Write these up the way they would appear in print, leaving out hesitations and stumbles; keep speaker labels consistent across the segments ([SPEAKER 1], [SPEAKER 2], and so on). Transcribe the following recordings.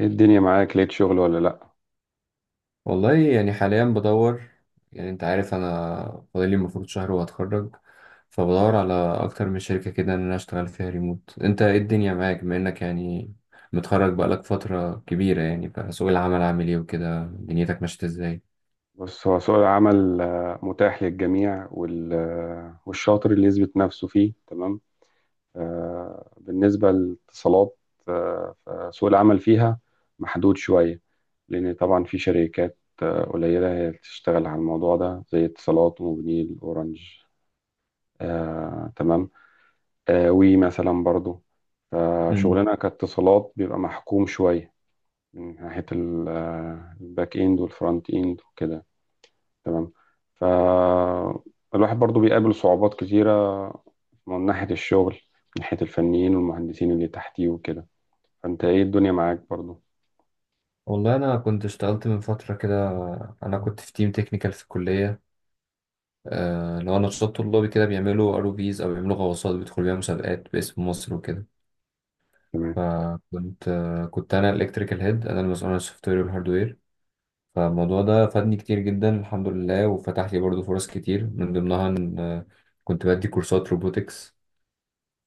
[SPEAKER 1] ايه الدنيا معاك؟ لقيت شغل ولا لأ؟
[SPEAKER 2] والله يعني حاليا بدور. يعني انت عارف انا فاضلي المفروض شهر وهتخرج، فبدور على اكتر من شركة كده ان انا اشتغل فيها ريموت. انت ايه الدنيا معاك بما انك يعني متخرج بقالك فترة كبيرة يعني؟ فسوق العمل عامل ايه وكده؟ دنيتك ماشية ازاي؟
[SPEAKER 1] بص، هو سوق العمل متاح للجميع والشاطر اللي يثبت نفسه فيه. تمام. بالنسبة للاتصالات، فسوق العمل فيها محدود شوية. لأن طبعا في شركات قليلة هي اللي تشتغل على الموضوع ده، زي اتصالات وموبينيل أورنج. تمام. وي مثلا برضو.
[SPEAKER 2] مم.
[SPEAKER 1] فشغلنا كاتصالات بيبقى محكوم شوية، من ناحية الباك إند والفرونت إند وكده. تمام. فالواحد برضو بيقابل صعوبات كتيرة، من ناحية الشغل، من ناحية الفنيين والمهندسين اللي تحتيه وكده. فانت، ايه الدنيا معاك برضو؟
[SPEAKER 2] والله انا كنت اشتغلت من فترة كده، انا كنت في تيم تكنيكال في الكلية. لو نشاط طلابي كده، بيعملوا ار او فيز او بيعملوا غواصات بيدخلوا بيها مسابقات باسم مصر وكده.
[SPEAKER 1] تمام.
[SPEAKER 2] فكنت انا الالكتريكال هيد، انا المسؤول عن السوفت وير والهاردوير. فالموضوع ده فادني كتير جدا الحمد لله، وفتح لي برضه فرص كتير، من ضمنها ان كنت بدي كورسات روبوتكس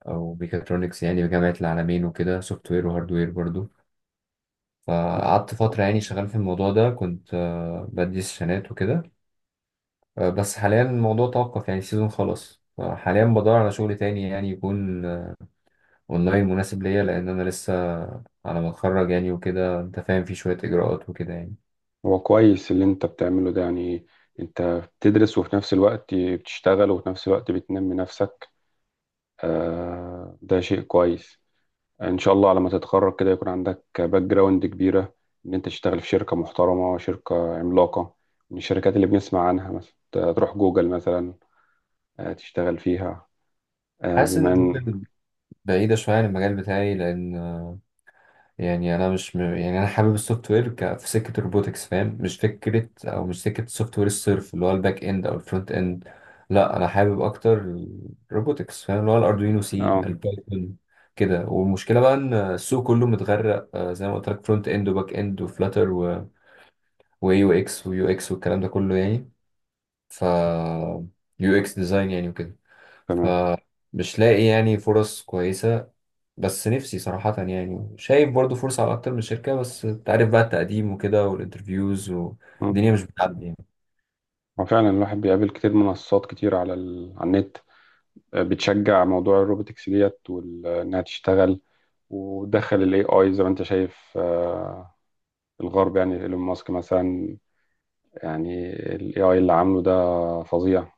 [SPEAKER 2] او ميكاترونكس يعني بجامعة العالمين وكده، سوفت وير وهاردوير برضه. فقعدت فترة يعني شغال في الموضوع ده، كنت بدي سيشنات وكده. بس حاليا الموضوع توقف، يعني السيزون خلاص، فحاليا بدور على شغل تاني يعني يكون اونلاين مناسب ليا، لان انا لسه على ما اتخرج يعني وكده، انت فاهم، في شويه اجراءات وكده يعني.
[SPEAKER 1] هو كويس اللي انت بتعمله ده يعني. انت بتدرس، وفي نفس الوقت بتشتغل، وفي نفس الوقت بتنمي نفسك. آه، ده شيء كويس. ان شاء الله على ما تتخرج كده يكون عندك باك جراوند كبيرة، ان انت تشتغل في شركة محترمة، شركة عملاقة من الشركات اللي بنسمع عنها، مثلا تروح جوجل مثلا، تشتغل فيها.
[SPEAKER 2] حاسس ان
[SPEAKER 1] بما ان
[SPEAKER 2] جوجل بعيده شويه عن المجال بتاعي، لان يعني انا مش م... يعني انا حابب السوفت وير في سكه الروبوتكس، فاهم؟ مش فكره او مش سكه السوفت وير الصرف، اللي هو الباك اند او الفرونت اند. لا، انا حابب اكتر الروبوتكس، فاهم؟ اللي هو الاردوينو، سي،
[SPEAKER 1] اه
[SPEAKER 2] البايثون كده. والمشكله بقى ان السوق كله متغرق، زي ما قلت لك، فرونت اند وباك اند وفلاتر و... واي يو اكس ويو اكس والكلام ده كله يعني. ف يو اكس ديزاين يعني وكده.
[SPEAKER 1] تمام.
[SPEAKER 2] فمش لاقي يعني فرص كويسة. بس نفسي صراحة، يعني شايف برضو فرصة على أكتر من شركة، بس أنت عارف بقى، التقديم وكده والانترفيوز
[SPEAKER 1] مم.
[SPEAKER 2] والدنيا مش بتعدي يعني.
[SPEAKER 1] هو فعلا الواحد بيقابل كتير. منصات كتير على على النت، بتشجع موضوع الروبوتكس ديت انها تشتغل. ودخل الاي اي، زي ما انت شايف، الغرب يعني، ايلون ماسك مثلا، يعني الاي اي اللي عامله ده فظيع.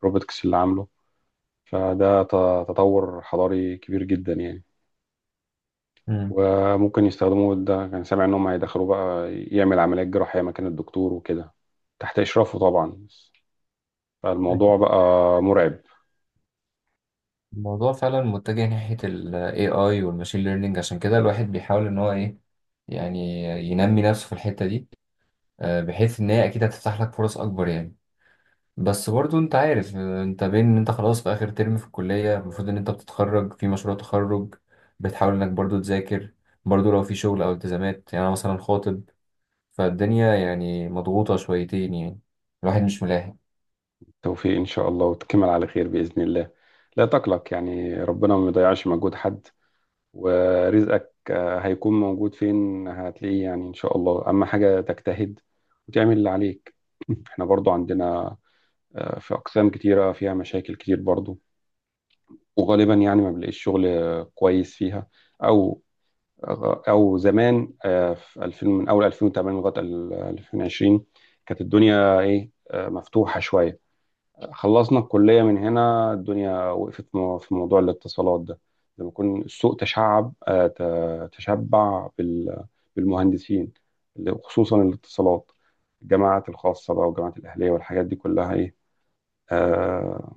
[SPEAKER 1] الروبوتكس اللي عامله، فده تطور حضاري كبير جدا يعني.
[SPEAKER 2] مم.
[SPEAKER 1] وممكن يستخدموه، ده كان سامع ان هم هيدخلوه بقى يعمل عمليات جراحية مكان الدكتور وكده، تحت اشرافه طبعا. فالموضوع بقى مرعب.
[SPEAKER 2] الموضوع فعلا متجه ناحية ال AI وال Machine Learning، عشان كده الواحد بيحاول إن هو إيه يعني، ينمي نفسه في الحتة دي، بحيث إن هي أكيد هتفتح لك فرص أكبر يعني. بس برضو انت عارف، انت بين ان انت خلاص في اخر ترم في الكلية، المفروض ان انت بتتخرج، في مشروع تخرج، بتحاول انك برضو تذاكر، برضو لو في شغل او التزامات، يعني انا مثلا خاطب. فالدنيا يعني مضغوطة شويتين يعني، الواحد مش ملاحق.
[SPEAKER 1] توفيق ان شاء الله وتكمل على خير باذن الله. لا تقلق، يعني ربنا ما بيضيعش مجهود حد. ورزقك هيكون موجود، فين هتلاقيه يعني، ان شاء الله، اما حاجة تجتهد وتعمل اللي عليك. احنا برضو عندنا في اقسام كتيرة فيها مشاكل كتير برضو، وغالبا يعني ما بنلاقيش شغل كويس فيها. او او زمان في 2000، من اول 2008 لغايه 2020، كانت الدنيا ايه، مفتوحه شويه. خلصنا الكليه، من هنا الدنيا وقفت في موضوع الاتصالات ده، لما يكون السوق تشعب، تشبع بالمهندسين، خصوصا الاتصالات. الجامعات الخاصه بقى والجامعات الاهليه والحاجات دي كلها ايه، آه،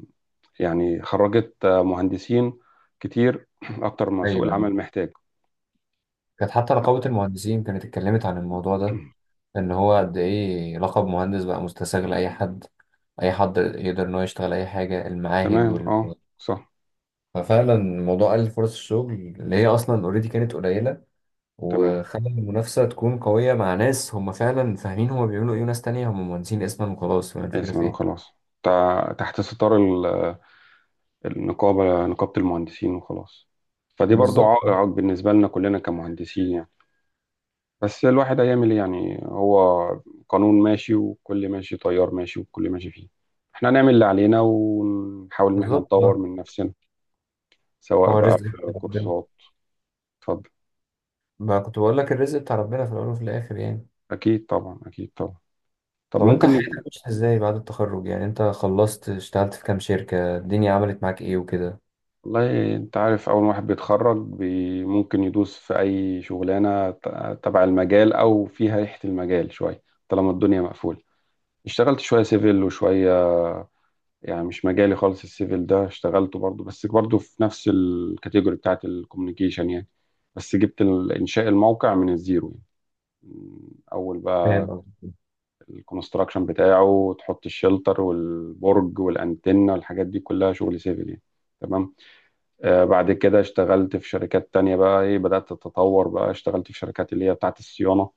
[SPEAKER 1] يعني خرجت مهندسين كتير اكتر ما سوق
[SPEAKER 2] ايوه، أيوة.
[SPEAKER 1] العمل محتاج.
[SPEAKER 2] كانت حتى رقابة المهندسين كانت اتكلمت عن الموضوع ده، ان هو قد ايه لقب مهندس بقى مستساغ لاي حد، اي حد يقدر ان هو يشتغل اي حاجة، المعاهد
[SPEAKER 1] تمام،
[SPEAKER 2] وال...
[SPEAKER 1] اه صح.
[SPEAKER 2] ففعلا موضوع قلل فرص الشغل اللي هي اصلا اوريدي كانت قليلة،
[SPEAKER 1] تمام.
[SPEAKER 2] وخلى المنافسة تكون قوية مع ناس هم فعلا فاهمين هم بيعملوا ايه، وناس تانية هم مهندسين اسما وخلاص، فاهم الفكرة
[SPEAKER 1] اسما
[SPEAKER 2] في ايه.
[SPEAKER 1] وخلاص، تحت ستار النقابة، نقابة المهندسين وخلاص. فدي برضو
[SPEAKER 2] بالظبط.
[SPEAKER 1] عائق بالنسبة لنا كلنا كمهندسين يعني. بس الواحد هيعمل ايه يعني؟ هو قانون ماشي وكل ماشي، تيار ماشي وكل ماشي فيه. احنا هنعمل اللي علينا ونحاول ان احنا
[SPEAKER 2] بالظبط
[SPEAKER 1] نطور
[SPEAKER 2] آه.
[SPEAKER 1] من نفسنا، سواء
[SPEAKER 2] هو
[SPEAKER 1] بقى
[SPEAKER 2] الرزق بتاع ربنا.
[SPEAKER 1] كورسات. اتفضل.
[SPEAKER 2] ما كنت بقول لك، الرزق بتاع ربنا في الأول وفي الآخر يعني.
[SPEAKER 1] اكيد طبعا، اكيد طبعا. طب
[SPEAKER 2] طب انت
[SPEAKER 1] ممكن.
[SPEAKER 2] حياتك مشيت ازاي بعد التخرج؟ يعني انت خلصت اشتغلت في كام شركة؟ الدنيا عملت معاك ايه وكده؟
[SPEAKER 1] والله انت عارف، اول واحد بيتخرج بي ممكن يدوس في اي شغلانه تبع المجال او فيها ريحه المجال شويه، طالما الدنيا مقفوله. اشتغلت شويه سيفل وشويه، يعني مش مجالي خالص السيفل ده، اشتغلته برضو، بس برضو في نفس الكاتيجوري بتاعت الكوميونيكيشن يعني. بس جبت انشاء الموقع من الزيرو، يعني اول
[SPEAKER 2] فاهم
[SPEAKER 1] بقى
[SPEAKER 2] قصدك.
[SPEAKER 1] الكونستراكشن بتاعه، تحط الشلتر والبرج والانتنه والحاجات دي كلها شغل سيفل يعني. تمام. بعد كده اشتغلت في شركات تانية، بقى ايه بدأت اتطور، بقى اشتغلت في شركات اللي هي بتاعت الصيانة،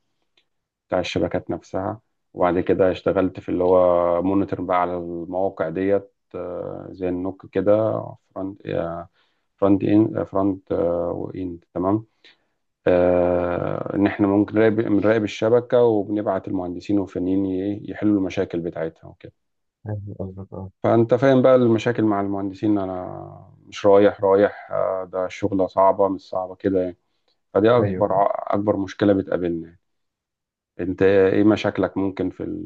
[SPEAKER 1] بتاع الشبكات نفسها. وبعد كده اشتغلت في اللي هو مونيتور بقى على المواقع ديت، زي النوك كده. فرونت فرونت ان، فرونت واند، تمام. ان احنا ممكن بنراقب الشبكة، وبنبعت المهندسين والفنيين يحلوا المشاكل بتاعتها وكده.
[SPEAKER 2] فاهم قصدك، اه.
[SPEAKER 1] فانت فاهم بقى المشاكل مع المهندسين. انا مش رايح رايح، ده شغلة صعبة مش صعبة كده يعني. فدي اكبر
[SPEAKER 2] ايوه.
[SPEAKER 1] اكبر مشكله بتقابلنا. انت ايه مشاكلك ممكن في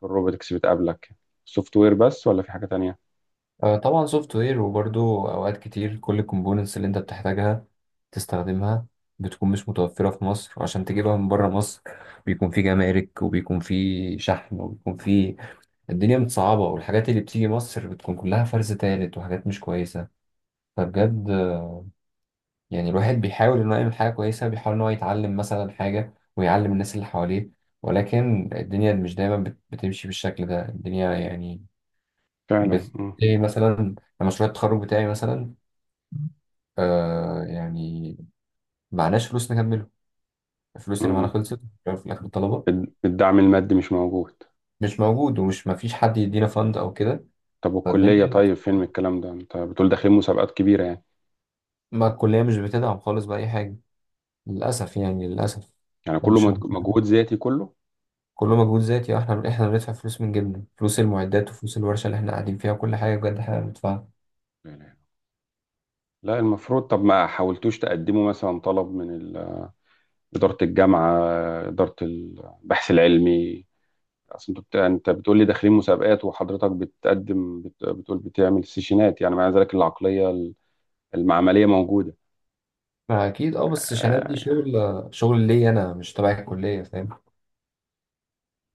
[SPEAKER 1] في الروبوتكس بتقابلك؟ سوفت وير بس ولا في حاجه تانية؟
[SPEAKER 2] طبعا سوفت وير، وبرضه اوقات كتير كل الكومبوننتس اللي انت بتحتاجها تستخدمها بتكون مش متوفرة في مصر، وعشان تجيبها من بره مصر بيكون في جمارك وبيكون في شحن وبيكون في... الدنيا متصعبة، والحاجات اللي بتيجي مصر بتكون كلها فرز تالت وحاجات مش كويسة. فبجد يعني الواحد بيحاول انه يعمل حاجة كويسة، بيحاول ان هو يتعلم مثلا حاجة ويعلم الناس اللي حواليه، ولكن الدنيا مش دايما بتمشي بالشكل ده، الدنيا يعني
[SPEAKER 1] فعلا.
[SPEAKER 2] بت...
[SPEAKER 1] مم.
[SPEAKER 2] إيه مثلا، مشروع التخرج بتاعي مثلا، آه يعني معناش فلوس نكمله، الفلوس اللي معانا
[SPEAKER 1] مم.
[SPEAKER 2] خلصت، في الاخر الطلبه...
[SPEAKER 1] الدعم المادي مش موجود.
[SPEAKER 2] مش موجود، ومش مفيش حد يدينا فند او كده.
[SPEAKER 1] طب والكليه
[SPEAKER 2] فالدنيا...
[SPEAKER 1] طيب، فين من الكلام ده؟ انت بتقول داخلين مسابقات كبيره يعني.
[SPEAKER 2] ما الكليه مش بتدعم خالص باي حاجه، للاسف يعني للاسف.
[SPEAKER 1] يعني كله
[SPEAKER 2] مش ممكن،
[SPEAKER 1] مجهود ذاتي كله.
[SPEAKER 2] كله مجهود ذاتي. احنا بندفع فلوس من جيبنا، فلوس المعدات وفلوس الورشه اللي احنا قاعدين فيها، وكل حاجه بجد احنا بندفعها.
[SPEAKER 1] لا لا. لا، المفروض. طب ما حاولتوش تقدموا مثلا طلب من إدارة الجامعة، إدارة البحث العلمي؟ اصل انت انت بتقول لي داخلين مسابقات، وحضرتك بتقول بتعمل سيشنات يعني، مع ذلك العقليه المعمليه موجوده.
[SPEAKER 2] ما اكيد اه، بس شنات دي
[SPEAKER 1] آه،
[SPEAKER 2] شغل، شغل ليا انا، مش تبع الكليه، فاهم؟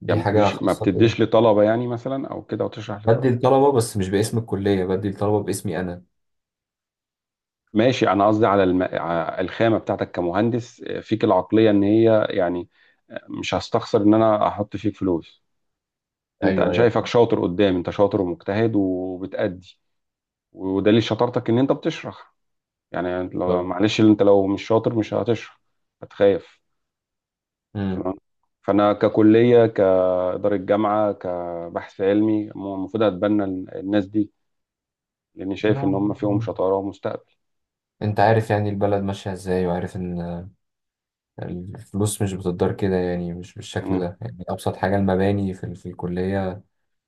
[SPEAKER 2] دي
[SPEAKER 1] يعني ما
[SPEAKER 2] حاجه
[SPEAKER 1] بتديش، ما
[SPEAKER 2] خاصه بيا.
[SPEAKER 1] بتديش لطلبه يعني، مثلا، او كده وتشرح
[SPEAKER 2] بدي
[SPEAKER 1] لطلبه.
[SPEAKER 2] الطلبه، بس مش باسم الكليه، بدي الطلبه باسمي انا.
[SPEAKER 1] ماشي. انا قصدي على الخامه بتاعتك كمهندس، فيك العقليه ان هي يعني. مش هستخسر ان انا احط فيك فلوس. انت، انا
[SPEAKER 2] ايوه.
[SPEAKER 1] شايفك شاطر قدام. انت شاطر ومجتهد وبتأدي. ودليل شطارتك ان انت بتشرح. يعني
[SPEAKER 2] ايوه.
[SPEAKER 1] معلش، انت لو مش شاطر مش هتشرح، هتخاف.
[SPEAKER 2] امم.
[SPEAKER 1] تمام. فانا ككليه، كاداره جامعه، كبحث علمي، المفروض اتبنى الناس دي، لاني شايف ان
[SPEAKER 2] نعم.
[SPEAKER 1] هم فيهم شطاره ومستقبل.
[SPEAKER 2] انت عارف يعني البلد ماشية ازاي، وعارف ان الفلوس مش بتدار كده يعني، مش بالشكل
[SPEAKER 1] مم.
[SPEAKER 2] ده يعني. ابسط حاجة المباني في الكلية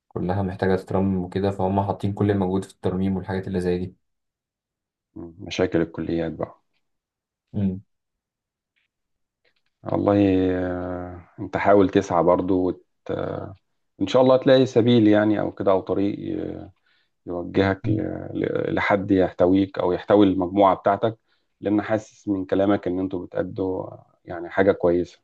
[SPEAKER 2] كلها محتاجة تترمم وكده، فهم حاطين كل المجهود في الترميم والحاجات اللي زي دي.
[SPEAKER 1] مم. مشاكل الكليات بقى.
[SPEAKER 2] امم.
[SPEAKER 1] والله انت حاول تسعى برضو وت... آه، ان شاء الله تلاقي سبيل يعني، او كده، او طريق يوجهك لحد يحتويك، او يحتوي المجموعه بتاعتك. لان حاسس من كلامك ان انتوا بتأدوا يعني حاجه كويسه.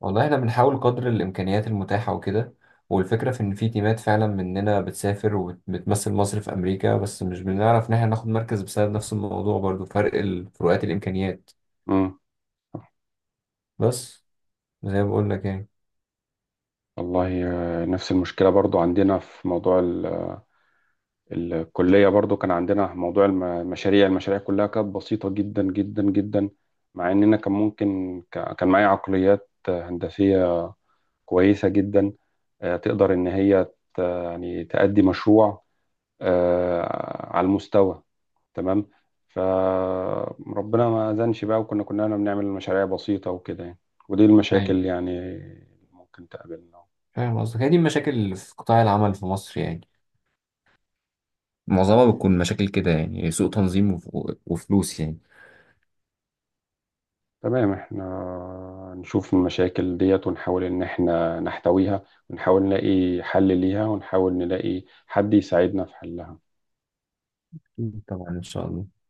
[SPEAKER 2] والله احنا بنحاول قدر الامكانيات المتاحة وكده، والفكرة في ان في تيمات فعلا مننا بتسافر وبتمثل مصر في امريكا، بس مش بنعرف ان احنا ناخد مركز بسبب نفس الموضوع برضو، فرق فروقات الامكانيات.
[SPEAKER 1] مم.
[SPEAKER 2] بس زي ما بقول لك
[SPEAKER 1] والله، نفس المشكلة برضو عندنا في موضوع الكلية. برضو كان عندنا موضوع المشاريع. المشاريع كلها كانت بسيطة جدا جدا جدا، مع إننا كان ممكن كان معايا عقليات هندسية كويسة جدا، تقدر إن هي يعني تأدي مشروع على المستوى. تمام. فربنا ما أذنش بقى، وكنا بنعمل مشاريع بسيطة وكده يعني. ودي
[SPEAKER 2] يعني.
[SPEAKER 1] المشاكل يعني ممكن تقابلنا.
[SPEAKER 2] فاهم قصدك، هي دي المشاكل اللي في قطاع العمل في مصر يعني، معظمها بتكون مشاكل كده يعني، سوء تنظيم وفلوس يعني.
[SPEAKER 1] تمام، احنا نشوف المشاكل ديت ونحاول ان احنا نحتويها، ونحاول نلاقي حل ليها، ونحاول نلاقي حد يساعدنا في حلها.
[SPEAKER 2] أكيد طبعا، إن شاء الله.